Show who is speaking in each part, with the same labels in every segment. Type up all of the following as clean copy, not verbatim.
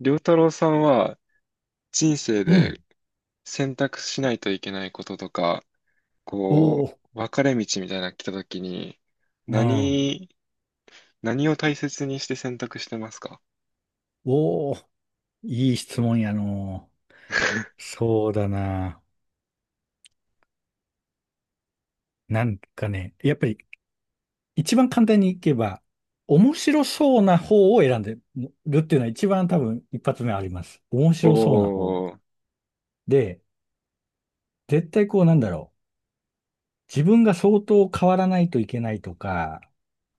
Speaker 1: りょうた太郎さんは人生
Speaker 2: うん。
Speaker 1: で選択しないといけないこととか、
Speaker 2: お
Speaker 1: こ
Speaker 2: お、
Speaker 1: 分かれ道みたいなの来た時に、
Speaker 2: うん。
Speaker 1: 何、何を大切にして選択してますか？
Speaker 2: おお、いい質問やの う。そうだな。なんかね、やっぱり一番簡単にいけば、面白そうな方を選んでるっていうのは一番多分一発目あります。面
Speaker 1: お
Speaker 2: 白そうな方。
Speaker 1: ー、
Speaker 2: で、絶対こうなんだろう。自分が相当変わらないといけないとか、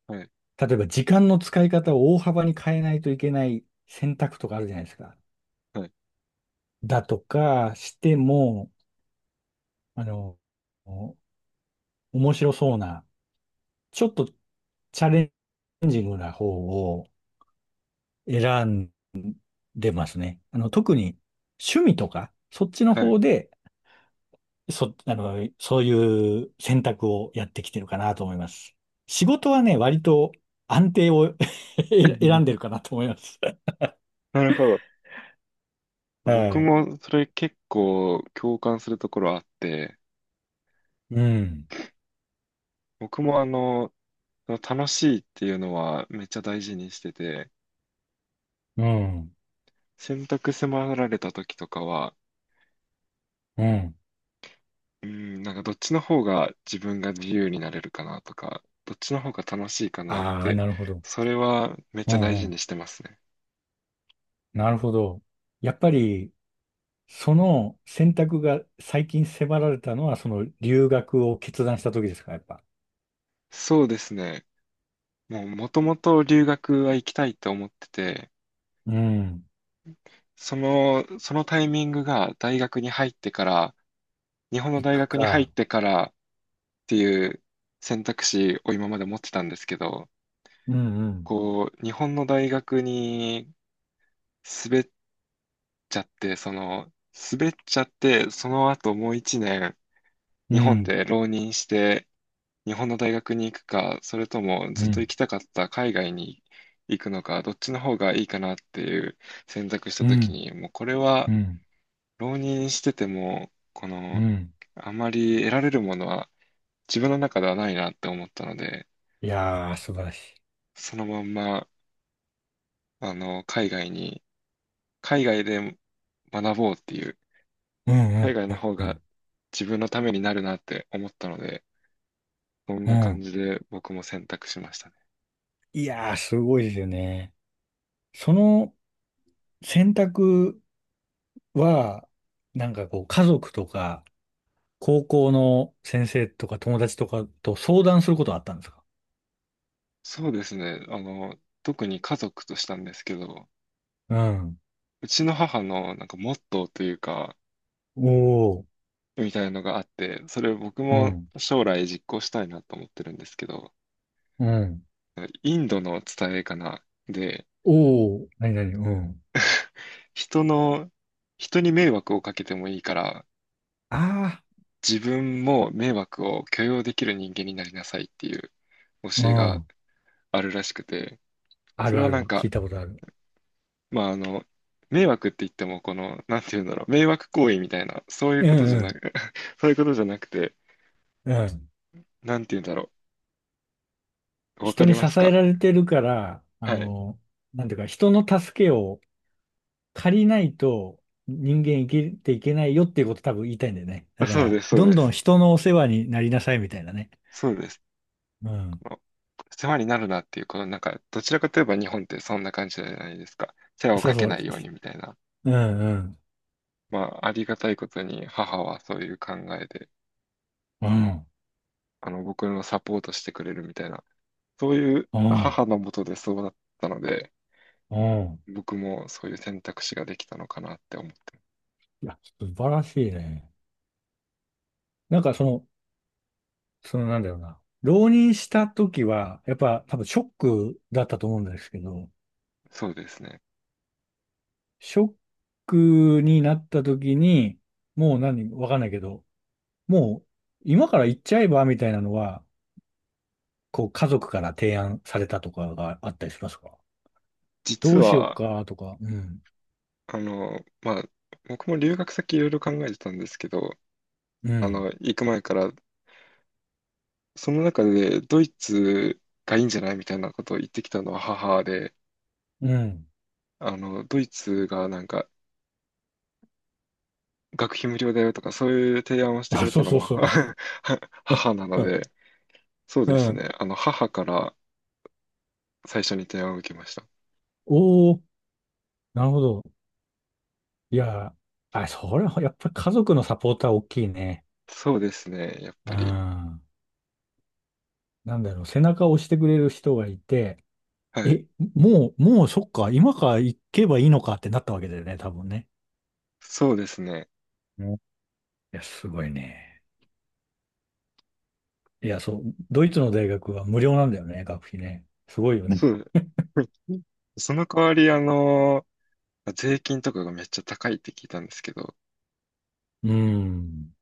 Speaker 1: はい、
Speaker 2: 例えば時間の使い方を大幅に変えないといけない選択とかあるじゃないですか。
Speaker 1: はい、
Speaker 2: だとかしても、あの、面白そうな、ちょっとチャレンジングな方を選んでますね。あの、特に趣味とか、そっちの
Speaker 1: はい。
Speaker 2: 方で、そ、あの、そういう選択をやってきてるかなと思います。仕事はね、割と安定を 選んでるか なと思います。
Speaker 1: なるほど。
Speaker 2: は
Speaker 1: 僕
Speaker 2: い。
Speaker 1: もそれ結構共感するところあって、
Speaker 2: うん。
Speaker 1: 僕も楽しいっていうのはめっちゃ大事にしてて、
Speaker 2: うん。
Speaker 1: 選択迫られた時とかは、
Speaker 2: うん。
Speaker 1: うん、なんかどっちの方が自分が自由になれるかなとか、どっちの方が楽しいかなっ
Speaker 2: ああ、
Speaker 1: て、
Speaker 2: なるほど。
Speaker 1: それはめっ
Speaker 2: う
Speaker 1: ちゃ
Speaker 2: ん
Speaker 1: 大
Speaker 2: う
Speaker 1: 事に
Speaker 2: ん。
Speaker 1: してますね。
Speaker 2: なるほど。やっぱり、その選択が最近迫られたのは、その留学を決断した時ですか、やっぱ。
Speaker 1: そうですね。もともと留学は行きたいと思ってて、
Speaker 2: うん。
Speaker 1: そのタイミングが大学に入ってから、日本の
Speaker 2: 行
Speaker 1: 大
Speaker 2: く
Speaker 1: 学に入っ
Speaker 2: か。
Speaker 1: てからっていう選択肢を今まで持ってたんですけど、
Speaker 2: うんうん。
Speaker 1: こう、日本の大学に滑っちゃって、滑っちゃって、その後もう1年、
Speaker 2: う
Speaker 1: 日本
Speaker 2: ん。
Speaker 1: で浪人して、日本の大学に行くか、それとも
Speaker 2: う
Speaker 1: ずっと
Speaker 2: ん。
Speaker 1: 行きたかった海外に行くのか、どっちの方がいいかなっていう選択した
Speaker 2: う
Speaker 1: 時
Speaker 2: ん。
Speaker 1: に、もうこれ
Speaker 2: う
Speaker 1: は
Speaker 2: ん。
Speaker 1: 浪人してても、
Speaker 2: うん。
Speaker 1: あまり得られるものは自分の中ではないなって思ったので、
Speaker 2: いやー、素晴らしい。
Speaker 1: そのまんま、あの、海外に、海外で学ぼうっていう、
Speaker 2: うん
Speaker 1: 海
Speaker 2: う
Speaker 1: 外の
Speaker 2: ん
Speaker 1: 方
Speaker 2: うん
Speaker 1: が自分のためになるなって思ったので、そん
Speaker 2: う
Speaker 1: な
Speaker 2: んう
Speaker 1: 感
Speaker 2: ん。
Speaker 1: じで僕も選択しました。
Speaker 2: いやー、すごいですよね。その選択は、なんかこう、家族とか、高校の先生とか友達とかと相談することはあったんですか？
Speaker 1: そうですね。特に家族としたんですけど、
Speaker 2: うん。
Speaker 1: うちの母のなんかモットーというか、
Speaker 2: おー。
Speaker 1: みたいのがあって、それを僕
Speaker 2: う
Speaker 1: も
Speaker 2: ん。
Speaker 1: 将来実行したいなと思ってるんですけど、
Speaker 2: うん。
Speaker 1: インドの伝えかな。で、
Speaker 2: おお、何々、うん。
Speaker 1: 人の、人に迷惑をかけてもいいから、
Speaker 2: あ
Speaker 1: 自分も迷惑を許容できる人間になりなさいっていう
Speaker 2: あ、う
Speaker 1: 教えが
Speaker 2: ん。
Speaker 1: あるらしくて、
Speaker 2: あ
Speaker 1: そ
Speaker 2: る
Speaker 1: れ
Speaker 2: あ
Speaker 1: はなん
Speaker 2: る。聞い
Speaker 1: か、
Speaker 2: たことある。
Speaker 1: まあ迷惑って言っても、この、なんていうんだろう、迷惑行為みたいな、そういう
Speaker 2: う
Speaker 1: ことじゃな
Speaker 2: ん
Speaker 1: く。そういうことじゃなくて、
Speaker 2: うん。うん。
Speaker 1: なんて言うんだろう。わか
Speaker 2: 人
Speaker 1: り
Speaker 2: に支
Speaker 1: ます
Speaker 2: え
Speaker 1: か？
Speaker 2: られてるから、あ
Speaker 1: はい。
Speaker 2: の、なんていうか、人の助けを借りないと人間生きていけないよっていうこと多分言いたいんだよね。だ
Speaker 1: あ、
Speaker 2: か
Speaker 1: そう
Speaker 2: ら、
Speaker 1: です、そう
Speaker 2: どん
Speaker 1: で
Speaker 2: どん
Speaker 1: す。
Speaker 2: 人のお世話になりなさいみたいなね。
Speaker 1: そうです。
Speaker 2: うん。
Speaker 1: この、世話になるなっていう、このなんか、どちらかといえば日本ってそんな感じじゃないですか。世話を
Speaker 2: そう
Speaker 1: かけ
Speaker 2: そう。
Speaker 1: ないようにみたいな。
Speaker 2: うんうん。
Speaker 1: まあ、ありがたいことに母はそういう考えで、
Speaker 2: うん。
Speaker 1: 僕のサポートしてくれるみたいな、そういう
Speaker 2: うん。
Speaker 1: 母のもとでそうだったので、
Speaker 2: うん。
Speaker 1: 僕もそういう選択肢ができたのかなって思って、
Speaker 2: いや、素晴らしいね。なんかその、そのなんだろうな。浪人した時は、やっぱ多分ショックだったと思うんですけど、
Speaker 1: そうですね。
Speaker 2: ショックになった時に、もう何、わかんないけど、もう今から行っちゃえばみたいなのは、こう家族から提案されたとかがあったりしますか？ど
Speaker 1: 実
Speaker 2: うしよう
Speaker 1: は、
Speaker 2: かとか、うん、
Speaker 1: あの、まあ、僕も留学先いろいろ考えてたんですけど、
Speaker 2: う
Speaker 1: あの、
Speaker 2: ん、
Speaker 1: 行く前から、その中でドイツがいいんじゃないみたいなことを言ってきたのは母で、
Speaker 2: うん。
Speaker 1: あの、ドイツがなんか学費無料だよとかそういう提案をしてく
Speaker 2: あ、
Speaker 1: れ
Speaker 2: そ
Speaker 1: た
Speaker 2: う
Speaker 1: の
Speaker 2: そう
Speaker 1: も
Speaker 2: そ
Speaker 1: は母なの
Speaker 2: う。
Speaker 1: で、そう
Speaker 2: う
Speaker 1: です
Speaker 2: ん。
Speaker 1: ね。あの、母から最初に提案を受けました。
Speaker 2: おー、なるほど。いや、あ、それはやっぱり家族のサポーター大きいね。
Speaker 1: そうですね。やっ
Speaker 2: う
Speaker 1: ぱり。
Speaker 2: ん。なんだろう、背中を押してくれる人がいて、
Speaker 1: はい。
Speaker 2: え、もうそっか、今から行けばいいのかってなったわけだよね、多分ね。
Speaker 1: そうですね。
Speaker 2: うん。いや、すごいね。いや、そう、ドイツの大学は無料なんだよね、学費ね。すごいよ
Speaker 1: そ
Speaker 2: ね。
Speaker 1: う。その代わり、税金とかがめっちゃ高いって聞いたんですけど、
Speaker 2: うん。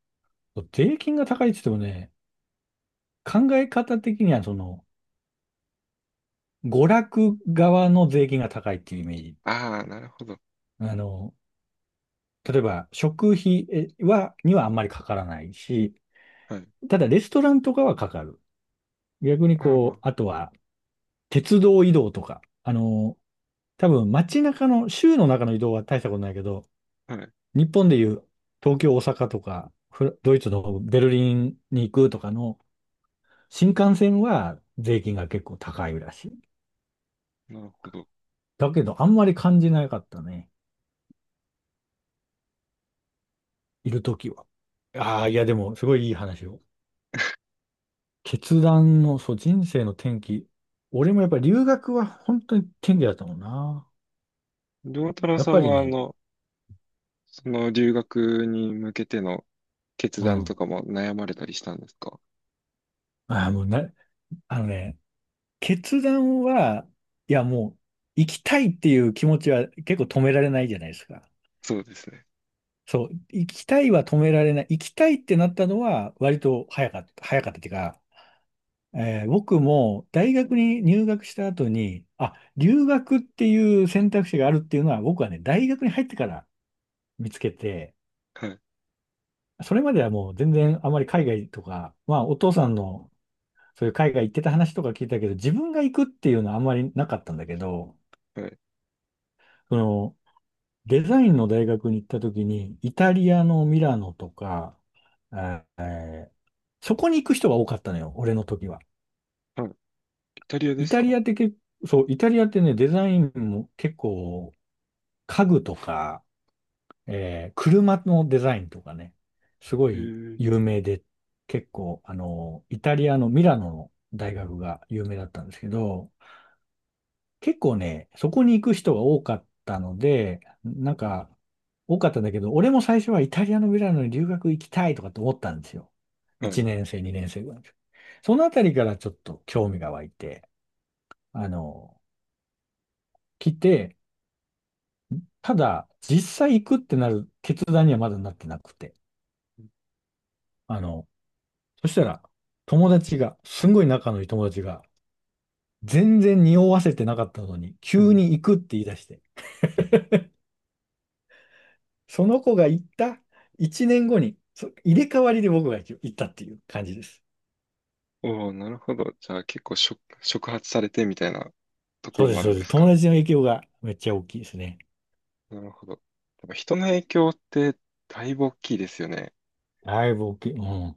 Speaker 2: 税金が高いって言ってもね、考え方的には、その、娯楽側の税金が高いっていうイメージ。
Speaker 1: ああ、なるほど。
Speaker 2: あの、例えば、食費えは、にはあんまりかからないし、
Speaker 1: はい。
Speaker 2: ただ、レストランとかはかかる。逆に
Speaker 1: ああ、
Speaker 2: こう、
Speaker 1: ま
Speaker 2: あとは、鉄道移動とか、あの、多分街中の、州の中の移動は大したことないけど、
Speaker 1: あ、はい。
Speaker 2: 日本でいう東京、大阪とか、フラドイツのベルリンに行くとかの新幹線は税金が結構高いらしい。
Speaker 1: なるほど。
Speaker 2: だけど、あんまり感じなかったね。いるときは。ああ、いや、でも、すごいいい話を。決断の、そう、人生の転機。俺もやっぱり留学は本当に転機だったもんな。
Speaker 1: 良太郎
Speaker 2: やっ
Speaker 1: さ
Speaker 2: ぱ
Speaker 1: ん
Speaker 2: り
Speaker 1: は、あ
Speaker 2: ね、
Speaker 1: の、その留学に向けての決
Speaker 2: う
Speaker 1: 断
Speaker 2: ん。
Speaker 1: とかも悩まれたりしたんですか？
Speaker 2: ああ、もうな、あのね、決断は、いやもう、行きたいっていう気持ちは結構止められないじゃないですか。
Speaker 1: そうですね。
Speaker 2: そう、行きたいは止められない。行きたいってなったのは割と早かった、早かったっていうか、僕も大学に入学した後に、あ、留学っていう選択肢があるっていうのは僕はね、大学に入ってから見つけて、
Speaker 1: はい。
Speaker 2: それまではもう全然あまり海外とか、まあお父さんのそういう海外行ってた話とか聞いたけど、自分が行くっていうのはあんまりなかったんだけど、
Speaker 1: はい。
Speaker 2: そのデザインの大学に行った時に、イタリアのミラノとか、えーえーそこに行く人が多かったのよ、俺の時は。
Speaker 1: はい。イタリアで
Speaker 2: イ
Speaker 1: す
Speaker 2: タ
Speaker 1: か？
Speaker 2: リアって結構、そう、イタリアってね、デザインも結構、家具とか、車のデザインとかね、すご
Speaker 1: へ
Speaker 2: い
Speaker 1: え。
Speaker 2: 有名で、結構、あの、イタリアのミラノの大学が有名だったんですけど、結構ね、そこに行く人が多かったので、なんか、多かったんだけど、俺も最初はイタリアのミラノに留学行きたいとかって思ったんですよ。
Speaker 1: はい。
Speaker 2: 1年生、2年生ぐらいの時。そのあたりからちょっと興味が湧いて、あの、来て、ただ、実際行くってなる決断にはまだなってなくて。あの、そしたら、友達が、すんごい仲のいい友達が、全然匂わせてなかったのに、
Speaker 1: う
Speaker 2: 急
Speaker 1: ん。
Speaker 2: に行くって言い出して、その子が行った1年後に、そ入れ替わりで僕が行ったっていう感じです。
Speaker 1: おお、なるほど。じゃあ結構触発されてみたいなとこ
Speaker 2: そう
Speaker 1: ろ
Speaker 2: で
Speaker 1: も
Speaker 2: す、
Speaker 1: ある
Speaker 2: そう
Speaker 1: ん
Speaker 2: で
Speaker 1: で
Speaker 2: す。
Speaker 1: す
Speaker 2: 友
Speaker 1: か？
Speaker 2: 達の影響がめっちゃ大きいですね。
Speaker 1: なるほど。でも人の影響ってだいぶ大きいですよね。
Speaker 2: だいぶ大きい。うん。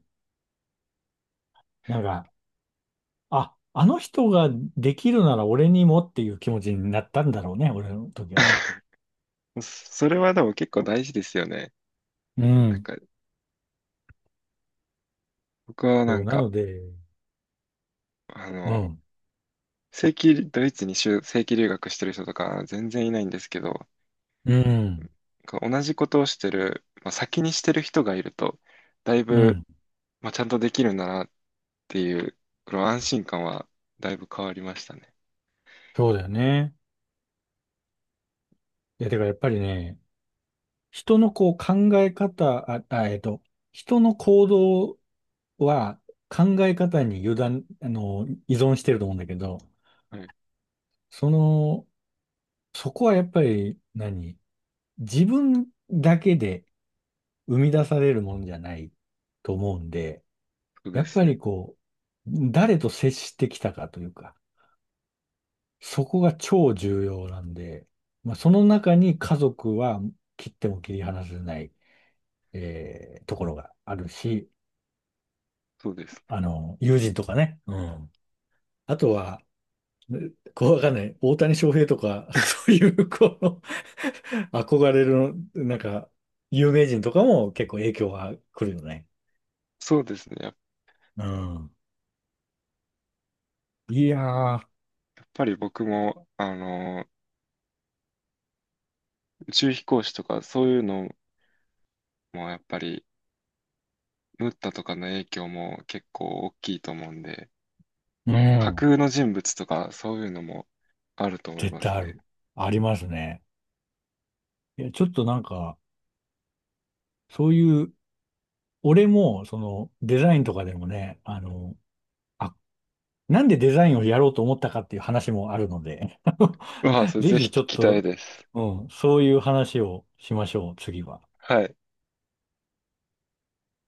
Speaker 2: なんか、あの人ができるなら俺にもっていう気持ちになったんだろうね、俺の時はね。
Speaker 1: それはでも結構大事ですよね。
Speaker 2: う
Speaker 1: なん
Speaker 2: ん。
Speaker 1: か、僕はな
Speaker 2: そう、
Speaker 1: ん
Speaker 2: な
Speaker 1: か、
Speaker 2: ので、
Speaker 1: あ
Speaker 2: う
Speaker 1: の、
Speaker 2: ん。
Speaker 1: ドイツに正規留学してる人とか全然いないんですけど、
Speaker 2: うん。
Speaker 1: こう同じことをしてる、まあ、先にしてる人がいると、だい
Speaker 2: う
Speaker 1: ぶ、
Speaker 2: ん。
Speaker 1: まあ、ちゃんとできるんだなっていう、この安心感はだいぶ変わりましたね。
Speaker 2: そうだよね。いや、てかやっぱりね、人のこう考え方、あ、あ、えっと、人の行動は考え方に油断、あの、依存してると思うんだけど、
Speaker 1: はい、
Speaker 2: その、そこはやっぱり何、自分だけで生み出されるものじゃないと思うんで、
Speaker 1: そう
Speaker 2: や
Speaker 1: で
Speaker 2: っ
Speaker 1: す
Speaker 2: ぱ
Speaker 1: ね。
Speaker 2: りこう、誰と接してきたかというか、そこが超重要なんで、まあ、その中に家族は切っても切り離せない、ところがあるし、
Speaker 1: そうですね。
Speaker 2: あの、友人とかね、うん。あとは、こうわかんない。大谷翔平とか、そういう、この 憧れる、なんか、有名人とかも結構影響が来るよね。
Speaker 1: そうですね。やっ
Speaker 2: うん。いやー、
Speaker 1: ぱり僕も、あの、宇宙飛行士とかそういうのもやっぱり、ムッタとかの影響も結構大きいと思うんで、
Speaker 2: う
Speaker 1: 架
Speaker 2: ん。
Speaker 1: 空の人物とかそういうのもあると思い
Speaker 2: 絶
Speaker 1: ま
Speaker 2: 対
Speaker 1: す
Speaker 2: あ
Speaker 1: ね。
Speaker 2: る。ありますね。いや、ちょっとなんか、そういう、俺も、その、デザインとかでもね、あの、あ、なんでデザインをやろうと思ったかっていう話もあるので
Speaker 1: うわあ、そ れ
Speaker 2: ぜ
Speaker 1: ぜひ聞
Speaker 2: ひちょっ
Speaker 1: きたい
Speaker 2: と、
Speaker 1: です。
Speaker 2: うん、そういう話をしましょう、次は。
Speaker 1: はい。